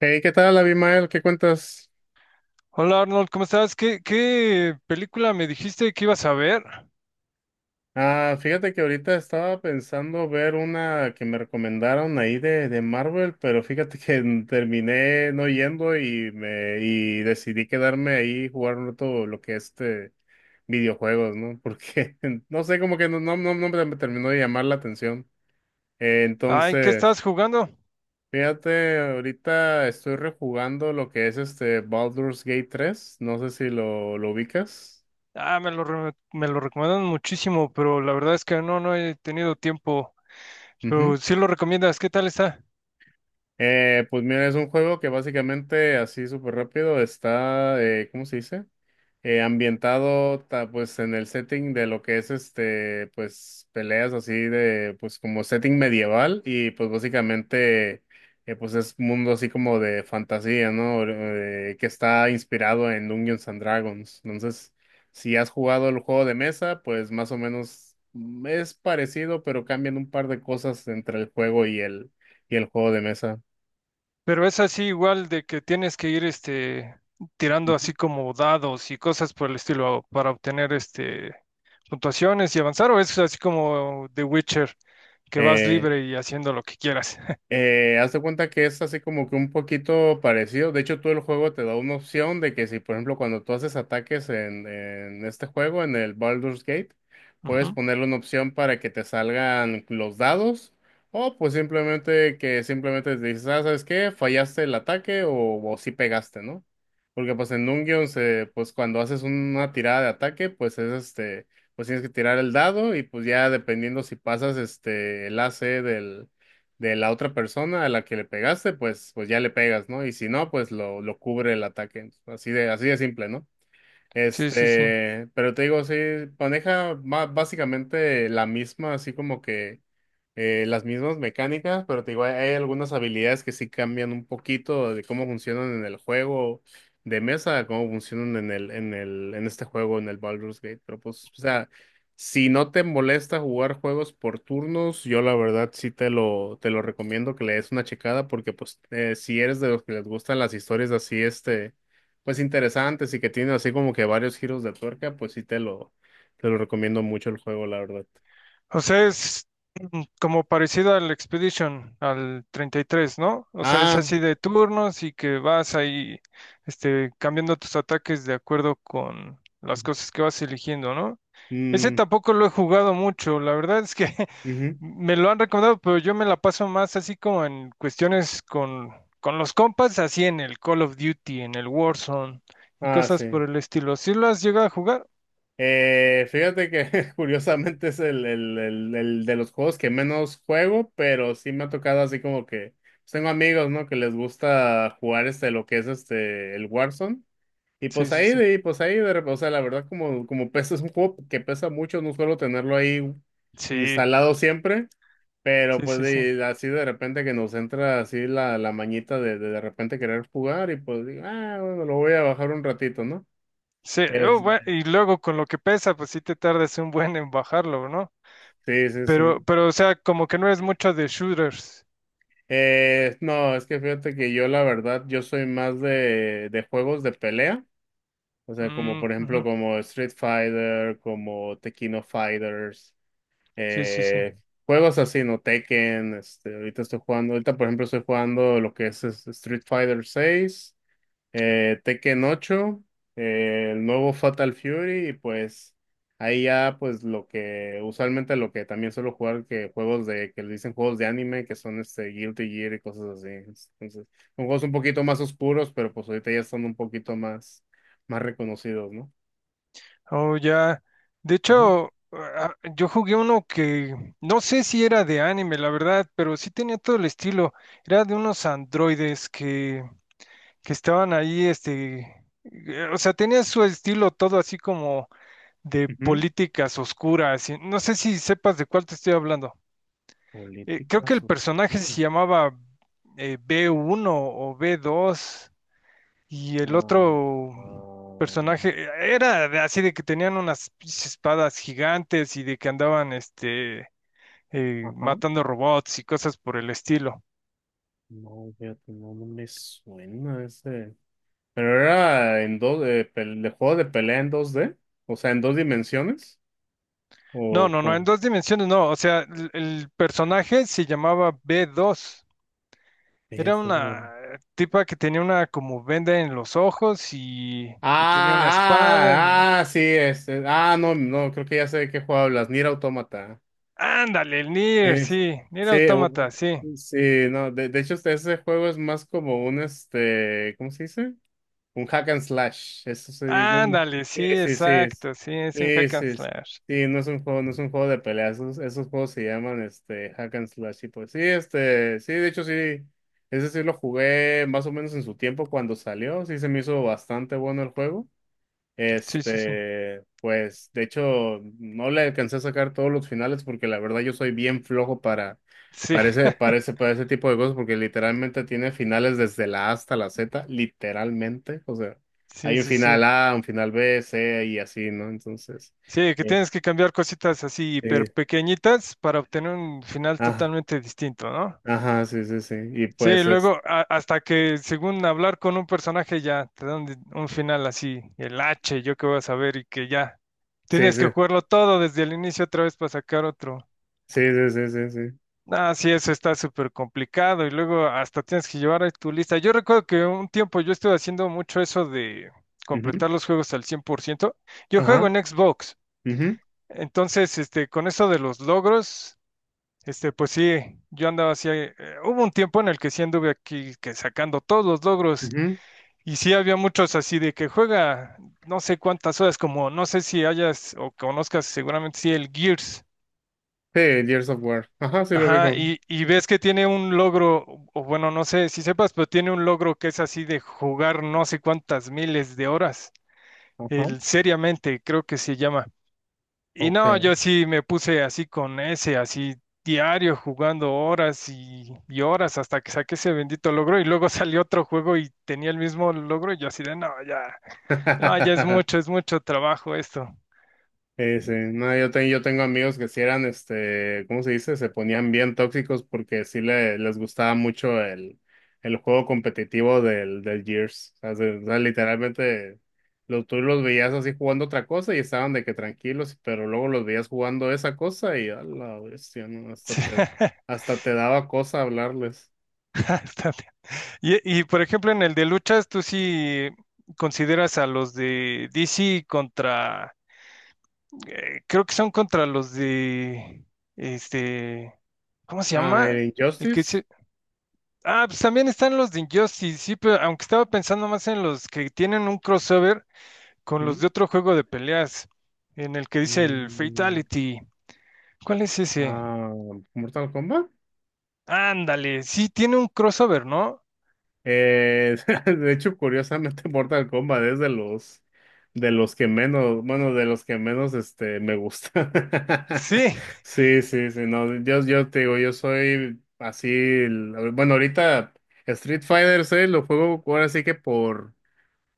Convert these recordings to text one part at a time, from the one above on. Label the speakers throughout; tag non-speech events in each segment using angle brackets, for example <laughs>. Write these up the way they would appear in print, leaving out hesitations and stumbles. Speaker 1: Hey, ¿qué tal, Abimael? ¿Qué cuentas?
Speaker 2: Hola Arnold, ¿cómo estás? ¿Qué película me dijiste que ibas a ver?
Speaker 1: Ah, fíjate que ahorita estaba pensando ver una que me recomendaron ahí de Marvel, pero fíjate que <laughs> terminé no yendo y me y decidí quedarme ahí jugando todo lo que es este videojuegos, ¿no? Porque <laughs> no sé, como que no, no, no, no me terminó de llamar la atención.
Speaker 2: Ay, ¿qué
Speaker 1: Entonces,
Speaker 2: estás jugando?
Speaker 1: fíjate, ahorita estoy rejugando lo que es este Baldur's Gate 3. No sé si lo ubicas.
Speaker 2: Ah, me lo recomendaron muchísimo, pero la verdad es que no he tenido tiempo. Pero sí lo recomiendas, ¿qué tal está?
Speaker 1: Pues mira, es un juego que básicamente así súper rápido está, ¿cómo se dice? Ambientado pues en el setting de lo que es este, pues peleas así de, pues como setting medieval y pues básicamente pues es un mundo así como de fantasía, ¿no? Que está inspirado en Dungeons and Dragons. Entonces, si has jugado el juego de mesa, pues más o menos es parecido, pero cambian un par de cosas entre el juego y el juego de mesa.
Speaker 2: Pero es así igual de que tienes que ir tirando así como dados y cosas por el estilo para obtener puntuaciones y avanzar, o es así como The Witcher, que vas
Speaker 1: Eh,
Speaker 2: libre y haciendo lo que quieras. <laughs>
Speaker 1: Haz de cuenta que es así como que un poquito parecido. De hecho, tú el juego te da una opción de que si, por ejemplo, cuando tú haces ataques en este juego, en el Baldur's Gate, puedes
Speaker 2: Ujú.
Speaker 1: ponerle una opción para que te salgan los dados o pues simplemente que simplemente te dices, ah, ¿sabes qué? Fallaste el ataque o sí pegaste, ¿no? Porque pues en Dungeons, pues cuando haces una tirada de ataque, pues es este, pues tienes que tirar el dado y pues ya dependiendo si pasas este, el AC del de la otra persona a la que le pegaste, pues ya le pegas, ¿no? Y si no, pues lo cubre el ataque. Así de simple, ¿no?
Speaker 2: Sí, sí, sí.
Speaker 1: Este, pero te digo, sí, maneja básicamente la misma, así como que las mismas mecánicas, pero te digo, hay algunas habilidades que sí cambian un poquito de cómo funcionan en el juego de mesa, a cómo funcionan en este juego, en el Baldur's Gate. Pero pues, o sea, si no te molesta jugar juegos por turnos, yo la verdad sí te lo recomiendo que le des una checada, porque pues si eres de los que les gustan las historias así, este pues interesantes y que tiene así como que varios giros de tuerca, pues sí te lo recomiendo mucho el juego, la verdad.
Speaker 2: O sea, es como parecido al Expedition, al 33, ¿no? O sea, es
Speaker 1: Ah,
Speaker 2: así de turnos y que vas ahí, cambiando tus ataques de acuerdo con las cosas que vas eligiendo, ¿no? Ese
Speaker 1: mm,
Speaker 2: tampoco lo he jugado mucho, la verdad es que <laughs>
Speaker 1: ujú.
Speaker 2: me lo han recomendado, pero yo me la paso más así como en cuestiones con los compas, así en el Call of Duty, en el Warzone y
Speaker 1: Ah,
Speaker 2: cosas
Speaker 1: sí.
Speaker 2: por el estilo. ¿Sí lo has llegado a jugar?
Speaker 1: Fíjate que <laughs> curiosamente es el de los juegos que menos juego, pero sí me ha tocado así como que pues, tengo amigos, ¿no? Que les gusta jugar este, lo que es este, el Warzone.
Speaker 2: Sí, sí, sí.
Speaker 1: O sea, la verdad como pesa, es un juego que pesa mucho, no suelo tenerlo ahí
Speaker 2: Sí,
Speaker 1: instalado siempre. Pero
Speaker 2: sí,
Speaker 1: pues
Speaker 2: sí, sí.
Speaker 1: así de repente que nos entra así la mañita de repente querer jugar y pues digo, ah, bueno, lo voy a bajar un ratito, ¿no?
Speaker 2: Sí, oh,
Speaker 1: Es-
Speaker 2: y luego con lo que pesa, pues sí te tardas un buen en bajarlo, ¿no?
Speaker 1: sí, sí,
Speaker 2: Pero,
Speaker 1: sí.
Speaker 2: pero, o sea, como que no eres mucho de shooters.
Speaker 1: No, es que fíjate que yo la verdad, yo soy más de juegos de pelea, o sea, como
Speaker 2: Mm,
Speaker 1: por
Speaker 2: ujú.
Speaker 1: ejemplo como Street Fighter, como Tekkino Fighters,
Speaker 2: Sí, sí, sí.
Speaker 1: eh, juegos así, ¿no? Tekken, este, ahorita estoy jugando, ahorita por ejemplo estoy jugando lo que es Street Fighter 6, Tekken 8, el nuevo Fatal Fury y pues ahí ya pues lo que usualmente lo que también suelo jugar que juegos de que le dicen juegos de anime que son este Guilty Gear y cosas así. Entonces, son juegos un poquito más oscuros, pero pues ahorita ya son un poquito más reconocidos, ¿no?
Speaker 2: Oh, ya. De
Speaker 1: Ujú,
Speaker 2: hecho, ah, yo jugué uno que no sé si era de anime, la verdad, pero sí tenía todo el estilo. Era de unos androides que estaban ahí, o sea, tenía su estilo todo así como de
Speaker 1: ujú.
Speaker 2: políticas oscuras. Y no sé si sepas de cuál te estoy hablando. Creo que
Speaker 1: Políticas
Speaker 2: el personaje
Speaker 1: oscuras.
Speaker 2: se llamaba B1 o B2 y el
Speaker 1: Ah,
Speaker 2: otro
Speaker 1: ah,
Speaker 2: personaje era así de que tenían unas pinches espadas gigantes y de que andaban
Speaker 1: ajá.
Speaker 2: matando robots y cosas por el estilo.
Speaker 1: No, fíjate, no, no me suena ese. Pero era en dos, de juego de pelea en dos d, o sea, en dos dimensiones,
Speaker 2: No,
Speaker 1: o
Speaker 2: no, no, en
Speaker 1: con...
Speaker 2: dos dimensiones no. O sea, el personaje se llamaba B2. Era una tipa que tenía una como venda en los ojos y tenía una espada.
Speaker 1: Ah, ah, ah, sí, este, ah, no, no, creo que ya sé de qué juego hablas, Nier Automata.
Speaker 2: Ándale, el Nier,
Speaker 1: Es
Speaker 2: sí. Nier
Speaker 1: Sí,
Speaker 2: Automata, sí.
Speaker 1: sí, no, de hecho, ese juego es más como un, este, ¿cómo se dice? Un hack and slash, eso sí, no, no.
Speaker 2: Ándale,
Speaker 1: Sí,
Speaker 2: sí,
Speaker 1: sí, sí,
Speaker 2: exacto, sí, es un
Speaker 1: sí,
Speaker 2: hack and
Speaker 1: sí, sí,
Speaker 2: slash.
Speaker 1: sí, no es un juego, no es un juego de peleas, esos juegos se llaman este hack and slash y pues sí, este, sí, de hecho sí, ese sí lo jugué más o menos en su tiempo cuando salió, sí se me hizo bastante bueno el juego.
Speaker 2: Sí, sí, sí.
Speaker 1: Este, pues de hecho no le alcancé a sacar todos los finales porque la verdad yo soy bien flojo
Speaker 2: Sí,
Speaker 1: para ese tipo de cosas porque literalmente tiene finales desde la A hasta la Z, literalmente. O sea,
Speaker 2: sí,
Speaker 1: hay un
Speaker 2: sí,
Speaker 1: final
Speaker 2: sí.
Speaker 1: A, un final B, C y así, ¿no? Entonces,
Speaker 2: Sí, que tienes que cambiar cositas así hiper
Speaker 1: este,
Speaker 2: pequeñitas para obtener un final
Speaker 1: ajá,
Speaker 2: totalmente distinto, ¿no?
Speaker 1: ajá, sí, sí, sí. Y
Speaker 2: Sí,
Speaker 1: pues,
Speaker 2: luego hasta que según hablar con un personaje ya te dan un final así, el H, yo qué voy a saber y que ya
Speaker 1: sí,
Speaker 2: tienes
Speaker 1: sí,
Speaker 2: que jugarlo todo desde el inicio otra vez para sacar otro.
Speaker 1: sí, sí, sí, sí, sí.
Speaker 2: Ah, sí, eso está súper complicado y luego hasta tienes que llevar ahí tu lista. Yo recuerdo que un tiempo yo estuve haciendo mucho eso de
Speaker 1: Ujú,
Speaker 2: completar los juegos al 100%. Yo juego
Speaker 1: ajá,
Speaker 2: en Xbox.
Speaker 1: ujú,
Speaker 2: Entonces, con eso de los logros, pues sí, yo andaba así, hubo un tiempo en el que sí anduve aquí que sacando todos los logros
Speaker 1: ujú.
Speaker 2: y sí había muchos así de que juega no sé cuántas horas, como no sé si hayas o conozcas seguramente sí el Gears.
Speaker 1: Sí, Gears of War. Ajá, sí lo vi
Speaker 2: Ajá,
Speaker 1: con.
Speaker 2: y ves que tiene un logro, o bueno, no sé si sepas, pero tiene un logro que es así de jugar no sé cuántas miles de horas,
Speaker 1: Ajá,
Speaker 2: el seriamente creo que se llama. Y no,
Speaker 1: ok.
Speaker 2: yo sí me puse así con ese, así diario jugando horas y horas hasta que saqué ese bendito logro y luego <laughs> salió otro juego y tenía el mismo logro y yo así de, no, ya, no, ya
Speaker 1: <laughs>
Speaker 2: es mucho trabajo esto. <laughs>
Speaker 1: Sí, sí. No, yo tengo amigos que sí eran, este, ¿cómo se dice? Se ponían bien tóxicos porque sí les gustaba mucho el juego competitivo del Gears. O sea, literalmente tú los veías así jugando otra cosa y estaban de que tranquilos, pero luego los veías jugando esa cosa y a la bestia, ¿no?
Speaker 2: Sí,
Speaker 1: Hasta te daba cosa hablarles.
Speaker 2: bastante. Y por ejemplo, en el de luchas, tú sí consideras a los de DC contra, creo que son contra los de, este, ¿cómo se
Speaker 1: Ah, el
Speaker 2: llama? El que es
Speaker 1: Injustice.
Speaker 2: Ah, pues también están los de Injustice, sí, pero aunque estaba pensando más en los que tienen un crossover con los
Speaker 1: ¿Mm?
Speaker 2: de otro juego de peleas, en el que dice el
Speaker 1: Mm,
Speaker 2: Fatality. ¿Cuál es ese?
Speaker 1: Ah, Mortal Kombat.
Speaker 2: Ándale, sí, tiene un crossover, ¿no?
Speaker 1: Eh, <laughs> de hecho, curiosamente, Mortal Kombat es de los que menos, bueno, de los que menos este me gusta. <laughs>
Speaker 2: Sí,
Speaker 1: Sí, sí, sí, no, yo te digo, yo soy así, bueno, ahorita Street Fighter 6 lo juego ahora sí que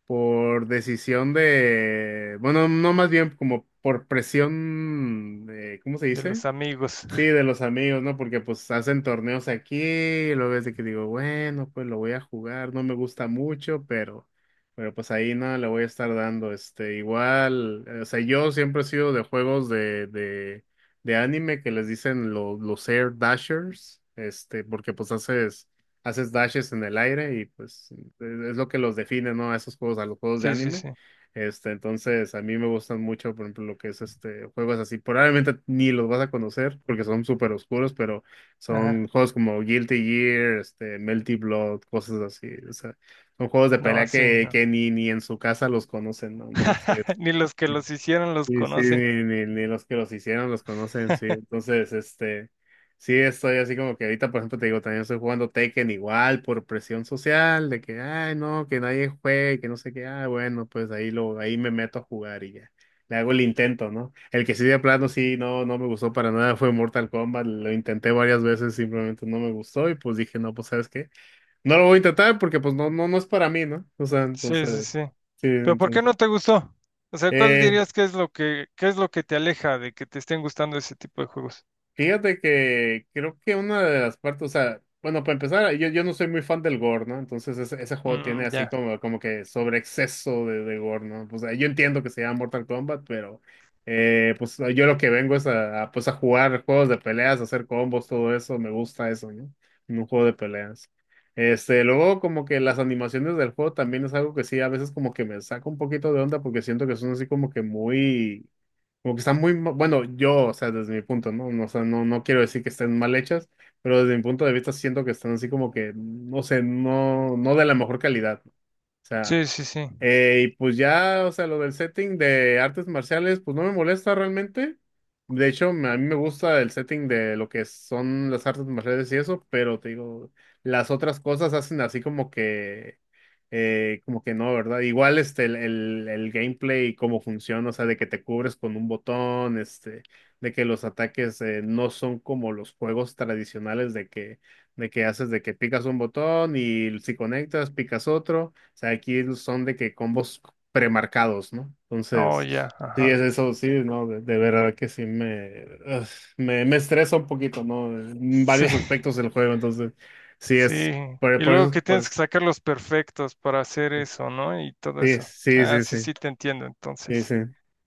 Speaker 1: por decisión de, bueno, no más bien como por presión, ¿cómo se
Speaker 2: de
Speaker 1: dice?
Speaker 2: los amigos.
Speaker 1: Sí, de los amigos, ¿no? Porque pues hacen torneos aquí, y luego es de que digo, bueno, pues lo voy a jugar, no me gusta mucho, pero, pues ahí no le voy a estar dando, este, igual, o sea, yo siempre he sido de juegos de anime que les dicen los air dashers, este, porque pues haces dashes en el aire y pues es lo que los define, ¿no? A esos juegos, a los juegos de
Speaker 2: Sí, sí,
Speaker 1: anime.
Speaker 2: sí.
Speaker 1: Este, entonces, a mí me gustan mucho, por ejemplo, lo que es este, juegos así. Probablemente ni los vas a conocer porque son súper oscuros, pero son
Speaker 2: Ajá.
Speaker 1: juegos como Guilty Gear, este, Melty Blood, cosas así. O sea, son juegos de
Speaker 2: No,
Speaker 1: pelea
Speaker 2: sí, no.
Speaker 1: que ni en su casa los conocen, ¿no? Entonces,
Speaker 2: <laughs> Ni los que los hicieron los
Speaker 1: sí, sí,
Speaker 2: conocen.
Speaker 1: ni los que los hicieron los conocen, sí. Entonces, este, sí, estoy así como que ahorita, por ejemplo, te digo, también estoy jugando Tekken igual por presión social, de que, ay, no, que nadie juegue, que no sé qué, ah, bueno, pues ahí me meto a jugar y ya. Le hago el intento, ¿no? El que sí de plano sí, no, no me gustó para nada fue Mortal Kombat, lo intenté varias veces, simplemente no me gustó y pues dije, no, pues, ¿sabes qué? No lo voy a intentar porque pues no, no, no es para mí, ¿no? O sea,
Speaker 2: Sí,
Speaker 1: entonces,
Speaker 2: sí, sí.
Speaker 1: sí,
Speaker 2: Pero ¿por qué
Speaker 1: entonces.
Speaker 2: no te gustó? O sea, ¿cuál
Speaker 1: eh,
Speaker 2: dirías que qué es lo que te aleja de que te estén gustando ese tipo de juegos?
Speaker 1: Fíjate que creo que una de las partes, o sea, bueno, para empezar, yo no soy muy fan del gore, ¿no? Entonces ese juego
Speaker 2: Mm,
Speaker 1: tiene así
Speaker 2: ya.
Speaker 1: como, como que sobre exceso de gore, ¿no? Pues yo entiendo que se llama Mortal Kombat, pero pues yo lo que vengo es a, pues a jugar juegos de peleas, a hacer combos, todo eso, me gusta eso, ¿no? En un juego de peleas. Este, luego como que las animaciones del juego también es algo que sí, a veces como que me saca un poquito de onda porque siento que son así como que muy como que están muy, bueno, yo, o sea, desde mi punto, ¿no? No, o sea, no, no quiero decir que estén mal hechas, pero desde mi punto de vista siento que están así como que, no sé, no, no de la mejor calidad, ¿no? O sea,
Speaker 2: Sí, sí, sí.
Speaker 1: y pues ya, o sea, lo del setting de artes marciales, pues no me molesta realmente. De hecho, a mí me gusta el setting de lo que son las artes marciales y eso, pero te digo, las otras cosas hacen así como que no, ¿verdad? Igual este, el gameplay y cómo funciona, o sea, de que te cubres con un botón, este, de que los ataques no son como los juegos tradicionales de que, haces, de que picas un botón y si conectas, picas otro. O sea, aquí son de que combos premarcados, ¿no?
Speaker 2: Oh, ya,
Speaker 1: Entonces, sí, es
Speaker 2: ajá.
Speaker 1: eso, sí, ¿no? De verdad que sí me estresa un poquito, ¿no? En
Speaker 2: Sí,
Speaker 1: varios
Speaker 2: <laughs>
Speaker 1: aspectos del juego, entonces, sí es,
Speaker 2: sí. Y
Speaker 1: por
Speaker 2: luego
Speaker 1: eso,
Speaker 2: que tienes que sacar los perfectos para hacer eso, ¿no? Y todo
Speaker 1: sí,
Speaker 2: eso.
Speaker 1: sí,
Speaker 2: Ah,
Speaker 1: sí, sí,
Speaker 2: sí, sí, te entiendo,
Speaker 1: sí,
Speaker 2: entonces.
Speaker 1: sí.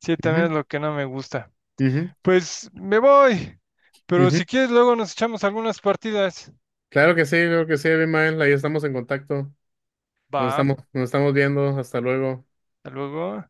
Speaker 2: Sí, también es
Speaker 1: Ujú,
Speaker 2: lo que no me gusta.
Speaker 1: ujú,
Speaker 2: Pues me voy. Pero
Speaker 1: ujú.
Speaker 2: si quieres, luego nos echamos algunas partidas.
Speaker 1: Claro que sí, creo que sí, Abimael, ahí estamos en contacto,
Speaker 2: Va, hasta
Speaker 1: nos estamos viendo, hasta luego.
Speaker 2: luego.